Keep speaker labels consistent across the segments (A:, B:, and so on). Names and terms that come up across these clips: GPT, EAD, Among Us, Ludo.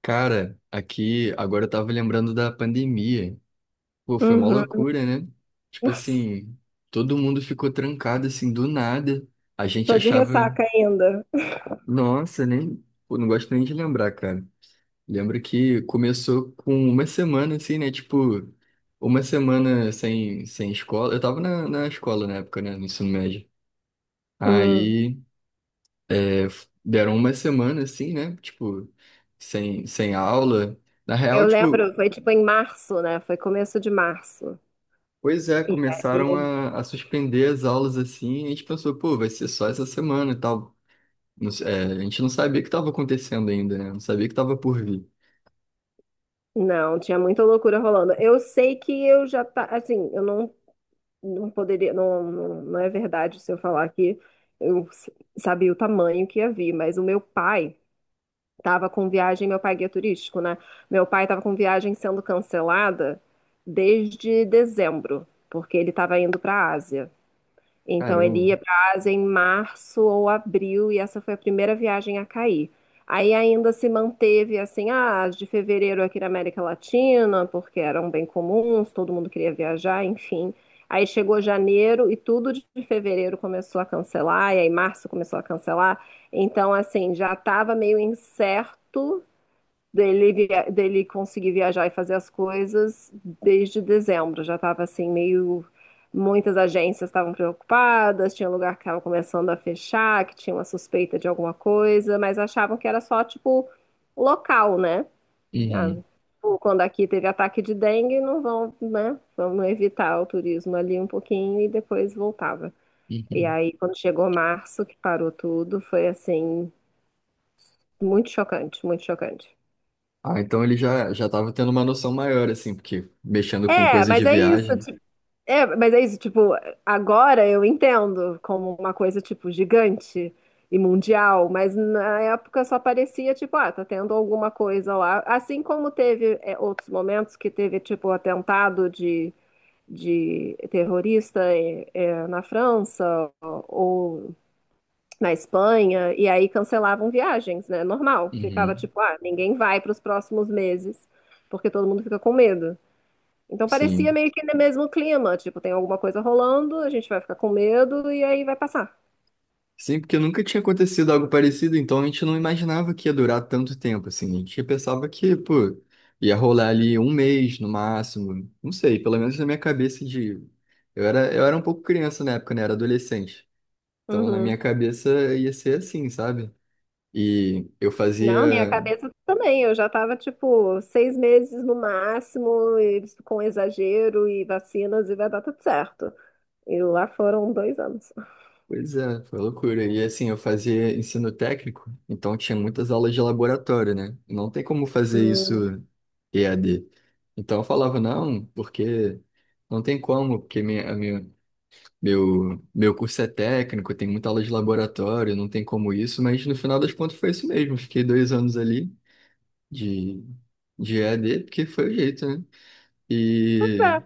A: Cara, aqui agora eu tava lembrando da pandemia. Pô, foi uma
B: Uhum.
A: loucura, né? Tipo
B: Nossa,
A: assim, todo mundo ficou trancado assim do nada. A gente
B: tô de
A: achava,
B: ressaca ainda.
A: nossa, nem, pô, não gosto nem de lembrar, cara. Lembro que começou com uma semana assim, né? Tipo, uma semana sem escola. Eu tava na escola na época, né? No ensino médio.
B: Hum.
A: Aí, é, deram uma semana assim, né? Tipo, sem aula. Na real,
B: Eu
A: tipo,
B: lembro, foi tipo em março, né? Foi começo de março.
A: pois é,
B: E
A: começaram
B: aí,
A: a suspender as aulas assim, e a gente pensou, pô, vai ser só essa semana e tal. É, a gente não sabia o que estava acontecendo ainda, né? Não sabia o que estava por vir.
B: não, tinha muita loucura rolando. Eu sei que eu já tá, assim, eu não, não poderia, não, não, não é verdade se eu falar que eu s- sabia o tamanho que ia vir, mas o meu pai tava com viagem, meu pai é guia turístico, né? Meu pai tava com viagem sendo cancelada desde dezembro, porque ele tava indo para a Ásia. Então ele
A: Caramba.
B: ia para a Ásia em março ou abril e essa foi a primeira viagem a cair. Aí ainda se manteve assim, ah, as de fevereiro aqui na América Latina, porque eram bem comuns, todo mundo queria viajar, enfim. Aí chegou janeiro e tudo de fevereiro começou a cancelar, e aí março começou a cancelar. Então, assim, já estava meio incerto dele, dele conseguir viajar e fazer as coisas desde dezembro. Já estava assim, meio. Muitas agências estavam preocupadas, tinha lugar que estava começando a fechar, que tinha uma suspeita de alguma coisa, mas achavam que era só, tipo, local, né? Ah,
A: Uhum,
B: tipo, quando aqui teve ataque de dengue, não vão, né? Vamos evitar o turismo ali um pouquinho e depois voltava. E
A: uhum.
B: aí, quando chegou março, que parou tudo, foi assim, muito chocante, muito chocante.
A: Ah, então ele já estava tendo uma noção maior, assim, porque mexendo com
B: É,
A: coisas de
B: mas é isso,
A: viagem.
B: Tipo, agora eu entendo como uma coisa, tipo, gigante e mundial, mas na época só parecia, tipo, ah, tá tendo alguma coisa lá. Assim como teve, é, outros momentos que teve, tipo, atentado de terrorista, na França ou na Espanha, e aí cancelavam viagens, né? Normal. Ficava,
A: Uhum,
B: tipo, ah, ninguém vai para os próximos meses, porque todo mundo fica com medo. Então parecia
A: sim.
B: meio que no mesmo clima, tipo, tem alguma coisa rolando, a gente vai ficar com medo e aí vai passar.
A: Sim, porque nunca tinha acontecido algo parecido, então a gente não imaginava que ia durar tanto tempo, assim. A gente pensava que, pô, ia rolar ali um mês no máximo. Não sei, pelo menos na minha cabeça de. Eu era um pouco criança na época, né? Era adolescente. Então na minha
B: Uhum.
A: cabeça ia ser assim, sabe? E eu
B: Não, minha
A: fazia.
B: cabeça também, eu já tava, tipo, seis meses no máximo, e com exagero e vacinas e vai dar tudo certo. E lá foram dois anos.
A: Pois é, foi loucura. E assim, eu fazia ensino técnico, então tinha muitas aulas de laboratório, né? E não tem como fazer isso
B: Hum,
A: EAD. Então eu falava, não, porque não tem como, porque minha, a minha, meu curso é técnico, tem muita aula de laboratório, não tem como isso, mas no final das contas foi isso mesmo. Fiquei dois anos ali de, de EAD, porque foi o jeito, né?
B: pois
A: E
B: é.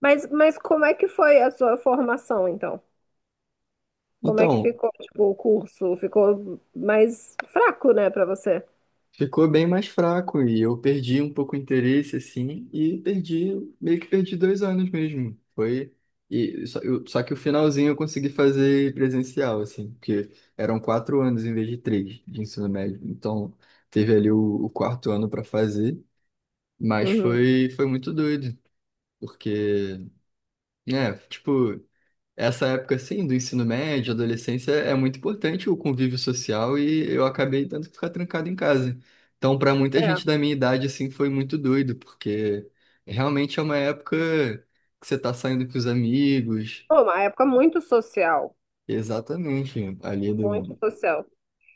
B: Mas como é que foi a sua formação, então? Como é que
A: então.
B: ficou, tipo, o curso? Ficou mais fraco, né, pra você?
A: Ficou bem mais fraco e eu perdi um pouco o interesse, assim, e perdi, meio que perdi dois anos mesmo. Foi, e só, só que o finalzinho eu consegui fazer presencial, assim, porque eram quatro anos em vez de três de ensino médio. Então, teve ali o quarto ano para fazer, mas
B: Uhum.
A: foi, foi muito doido, porque, né, tipo essa época assim do ensino médio, adolescência, é muito importante o convívio social e eu acabei tendo que ficar trancado em casa. Então, para muita
B: É.
A: gente da minha idade assim foi muito doido, porque realmente é uma época que você tá saindo com os amigos.
B: Pô, uma época muito social.
A: Exatamente, ali
B: Muito
A: do
B: social.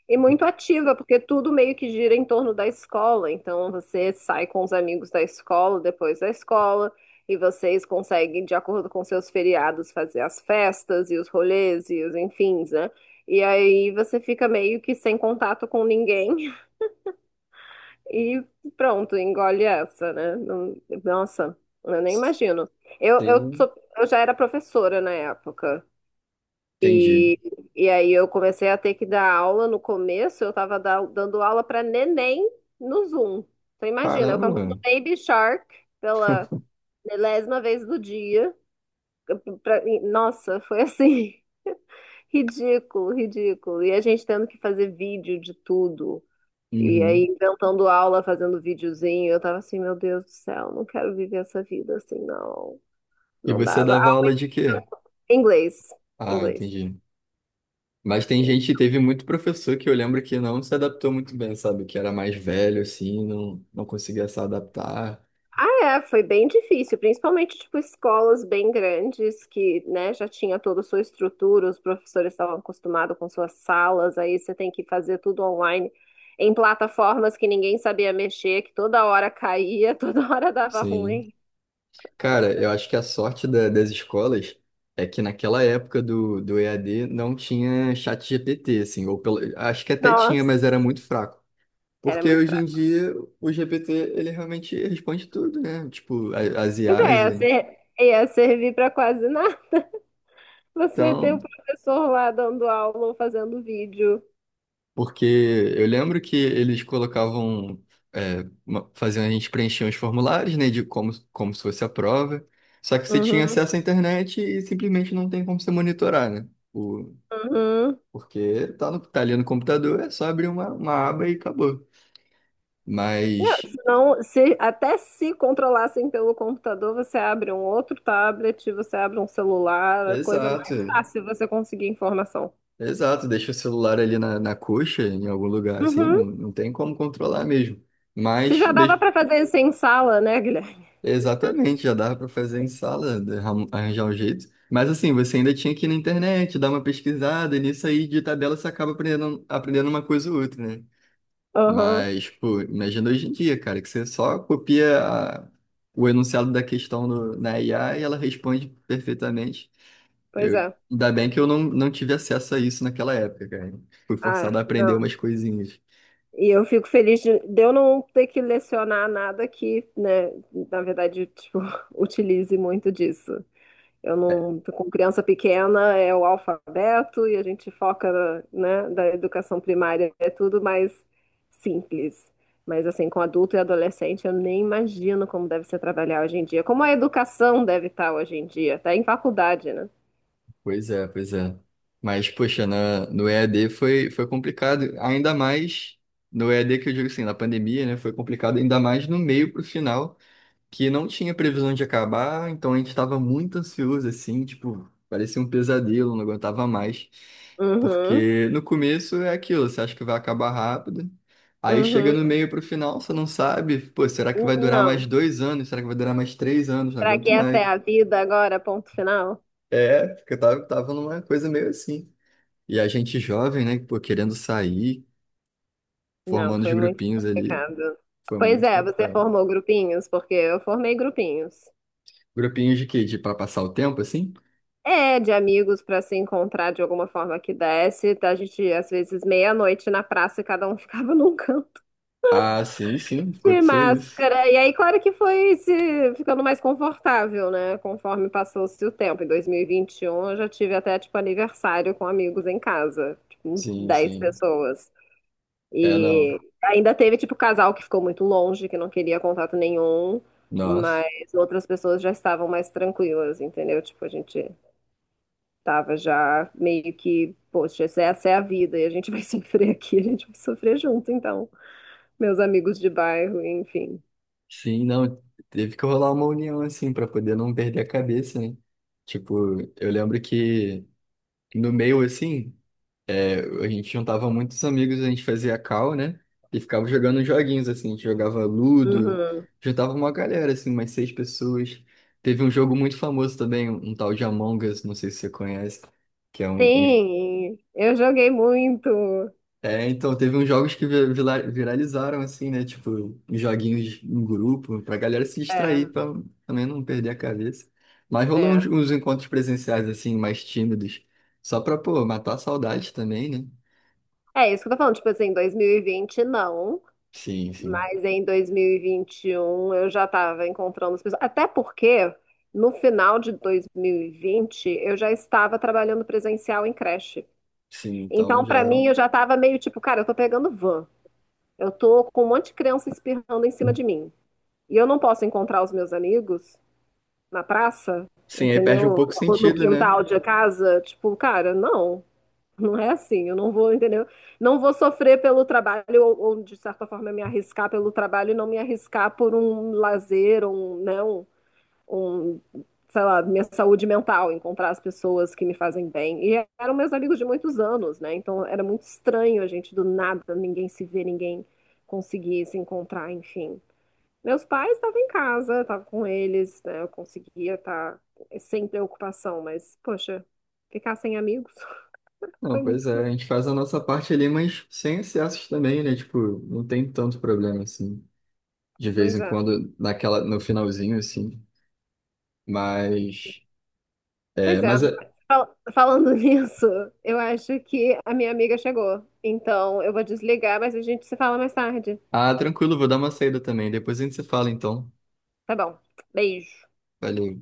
B: E muito ativa, porque tudo meio que gira em torno da escola. Então você sai com os amigos da escola, depois da escola, e vocês conseguem, de acordo com seus feriados, fazer as festas e os rolês e os enfins, né? E aí você fica meio que sem contato com ninguém e pronto, engole essa, né? Não- Nossa, eu nem imagino. Eu, eu
A: sim.
B: sou- eu já era professora na época.
A: Entendi.
B: E, e aí eu comecei a ter que dar aula no começo, eu estava dando aula para neném no Zoom. Então imagina, eu
A: Caramba.
B: cantando Baby Shark pela milésima vez do dia. Nossa, foi assim, ridículo, ridículo. E a gente tendo que fazer vídeo de tudo. E aí
A: Uhum.
B: inventando aula, fazendo videozinho. Eu tava assim, meu Deus do céu, não quero viver essa vida assim, não.
A: E
B: Não
A: você
B: dava.
A: dava
B: Ah,
A: aula de quê?
B: inglês,
A: Ah,
B: inglês.
A: entendi. Mas tem gente, teve muito professor que eu lembro que não se adaptou muito bem, sabe? Que era mais velho, assim, não, não conseguia se adaptar.
B: Ah, é, foi bem difícil, principalmente tipo escolas bem grandes que, né, já tinha toda a sua estrutura, os professores estavam acostumados com suas salas, aí você tem que fazer tudo online em plataformas que ninguém sabia mexer, que toda hora caía, toda hora dava
A: Sim.
B: ruim.
A: Cara, eu acho que a sorte das escolas é que naquela época do EAD não tinha chat GPT, assim, ou pelo, acho que até tinha,
B: Nossa,
A: mas era muito fraco.
B: era
A: Porque
B: muito
A: hoje em
B: fraco.
A: dia o GPT, ele realmente responde tudo, né? Tipo, as
B: Mas
A: IAs.
B: é, ia servir para quase nada. Você ter
A: Então,
B: o professor lá dando aula ou fazendo vídeo.
A: porque eu lembro que eles colocavam, é, faziam a gente preencher uns formulários, né, de como, como se fosse a prova. Só que você tinha
B: Uhum,
A: acesso à internet e simplesmente não tem como você monitorar, né? O,
B: uhum.
A: porque tá ali no computador, é só abrir uma aba e acabou.
B: Não,
A: Mas,
B: senão, se, até se controlassem pelo computador, você abre um outro tablet, você abre um celular, a coisa mais
A: exato,
B: fácil você conseguir informação.
A: exato. Deixa o celular ali na coxa, em algum lugar, assim,
B: Uhum.
A: não, não tem como controlar mesmo.
B: Se
A: Mas,
B: já dava
A: mesmo
B: para fazer isso em sala, né, Guilherme?
A: exatamente, já dava para fazer em sala, arranjar um jeito. Mas assim, você ainda tinha que ir na internet, dar uma pesquisada, e nisso aí de tabela você acaba aprendendo, aprendendo uma coisa ou outra, né?
B: Aham,
A: Mas, pô, imagina hoje em dia, cara, que você só copia o enunciado da questão na IA e ela responde perfeitamente.
B: pois
A: Eu,
B: é.
A: ainda bem que eu não, não tive acesso a isso naquela época, cara. Fui forçado
B: Ah,
A: a aprender
B: não.
A: umas coisinhas.
B: E eu fico feliz de eu não ter que lecionar nada que, né, na verdade, tipo, utilize muito disso. Eu não, com criança pequena é o alfabeto e a gente foca, na- né, da educação primária, é tudo mais simples. Mas assim, com adulto e adolescente, eu nem imagino como deve ser trabalhar hoje em dia. Como a educação deve estar hoje em dia, tá em faculdade, né?
A: Pois é, pois é. Mas, poxa, na, no EAD foi, foi complicado, ainda mais no EAD que eu digo assim, na pandemia, né? Foi complicado, ainda mais no meio pro final, que não tinha previsão de acabar, então a gente estava muito ansioso, assim, tipo, parecia um pesadelo, não aguentava mais.
B: Uhum,
A: Porque no começo é aquilo, você acha que vai acabar rápido, aí chega no
B: uhum.
A: meio pro final, você não sabe, pô, será que vai durar mais
B: Não.
A: dois anos? Será que vai durar mais três anos? Não
B: Será que
A: aguento
B: essa
A: mais.
B: é a vida agora, ponto final?
A: É, porque eu tava numa coisa meio assim. E a gente jovem, né, pô, querendo sair,
B: Não,
A: formando os
B: foi muito
A: grupinhos ali,
B: complicado.
A: foi
B: Pois
A: muito
B: é, você
A: complicado.
B: formou grupinhos, porque eu formei grupinhos.
A: Grupinhos de quê? De pra passar o tempo, assim?
B: É, de amigos para se encontrar de alguma forma que desse. A gente, às vezes, meia-noite na praça e cada um ficava num canto
A: Ah, sim, sim,
B: de
A: aconteceu isso.
B: máscara. E aí, claro que foi se ficando mais confortável, né? Conforme passou-se o tempo. Em 2021, eu já tive até, tipo, aniversário com amigos em casa, tipo,
A: Sim,
B: 10
A: sim.
B: pessoas.
A: É, não.
B: E ainda teve, tipo, casal que ficou muito longe, que não queria contato nenhum,
A: Nossa.
B: mas outras pessoas já estavam mais tranquilas, entendeu? Tipo, a gente. Tava já meio que, poxa, essa é a vida e a gente vai sofrer aqui, a gente vai sofrer junto, então. Meus amigos de bairro, enfim.
A: Sim, não. Teve que rolar uma união, assim, pra poder não perder a cabeça, né? Tipo, eu lembro que no meio, assim, a gente juntava muitos amigos, a gente fazia call, né? E ficava jogando joguinhos, assim, a gente jogava Ludo,
B: Uhum.
A: juntava uma galera, assim, umas 6 pessoas. Teve um jogo muito famoso também, um tal de Among Us, não sei se você conhece, que é um...
B: Sim, eu joguei muito.
A: É, então, teve uns jogos que viralizaram, assim, né? Tipo, joguinhos em grupo, pra galera se distrair,
B: É,
A: pra também não perder a cabeça. Mas rolou
B: é.
A: uns encontros presenciais, assim, mais tímidos, só pra, pô, matar a saudade também, né?
B: É isso que eu tô falando, tipo assim, em 2020 não,
A: Sim, sim.
B: mas em 2021 eu já tava encontrando as pessoas. Até porque no final de 2020 eu já estava trabalhando presencial em creche.
A: Sim, então
B: Então, pra
A: já.
B: mim, eu já tava meio tipo, cara, eu tô pegando van. Eu tô com um monte de criança espirrando em cima de mim. E eu não posso encontrar os meus amigos na praça,
A: Sim, aí perde um
B: entendeu?
A: pouco o
B: Ou no
A: sentido, né?
B: quintal de casa. Tipo, cara, não. Não é assim. Eu não vou, entendeu? Não vou sofrer pelo trabalho ou, de certa forma, me arriscar pelo trabalho e não me arriscar por um lazer, um, né, um, sei lá, minha saúde mental, encontrar as pessoas que me fazem bem. E eram meus amigos de muitos anos, né? Então era muito estranho a gente do nada, ninguém se ver, ninguém conseguir se encontrar, enfim. Meus pais estavam em casa, estava com eles, né? Eu conseguia estar sem preocupação, mas, poxa, ficar sem amigos
A: Não,
B: foi
A: pois
B: muito
A: é,
B: ruim.
A: a gente faz a nossa parte ali, mas sem excessos também, né? Tipo, não tem tanto problema, assim, de vez
B: Pois
A: em
B: é.
A: quando, naquela, no finalzinho, assim. Mas,
B: Pois é.
A: mas, é-
B: Falando nisso, eu acho que a minha amiga chegou. Então eu vou desligar, mas a gente se fala mais tarde.
A: ah, tranquilo, vou dar uma saída também. Depois a gente se fala, então.
B: Tá bom. Beijo.
A: Valeu.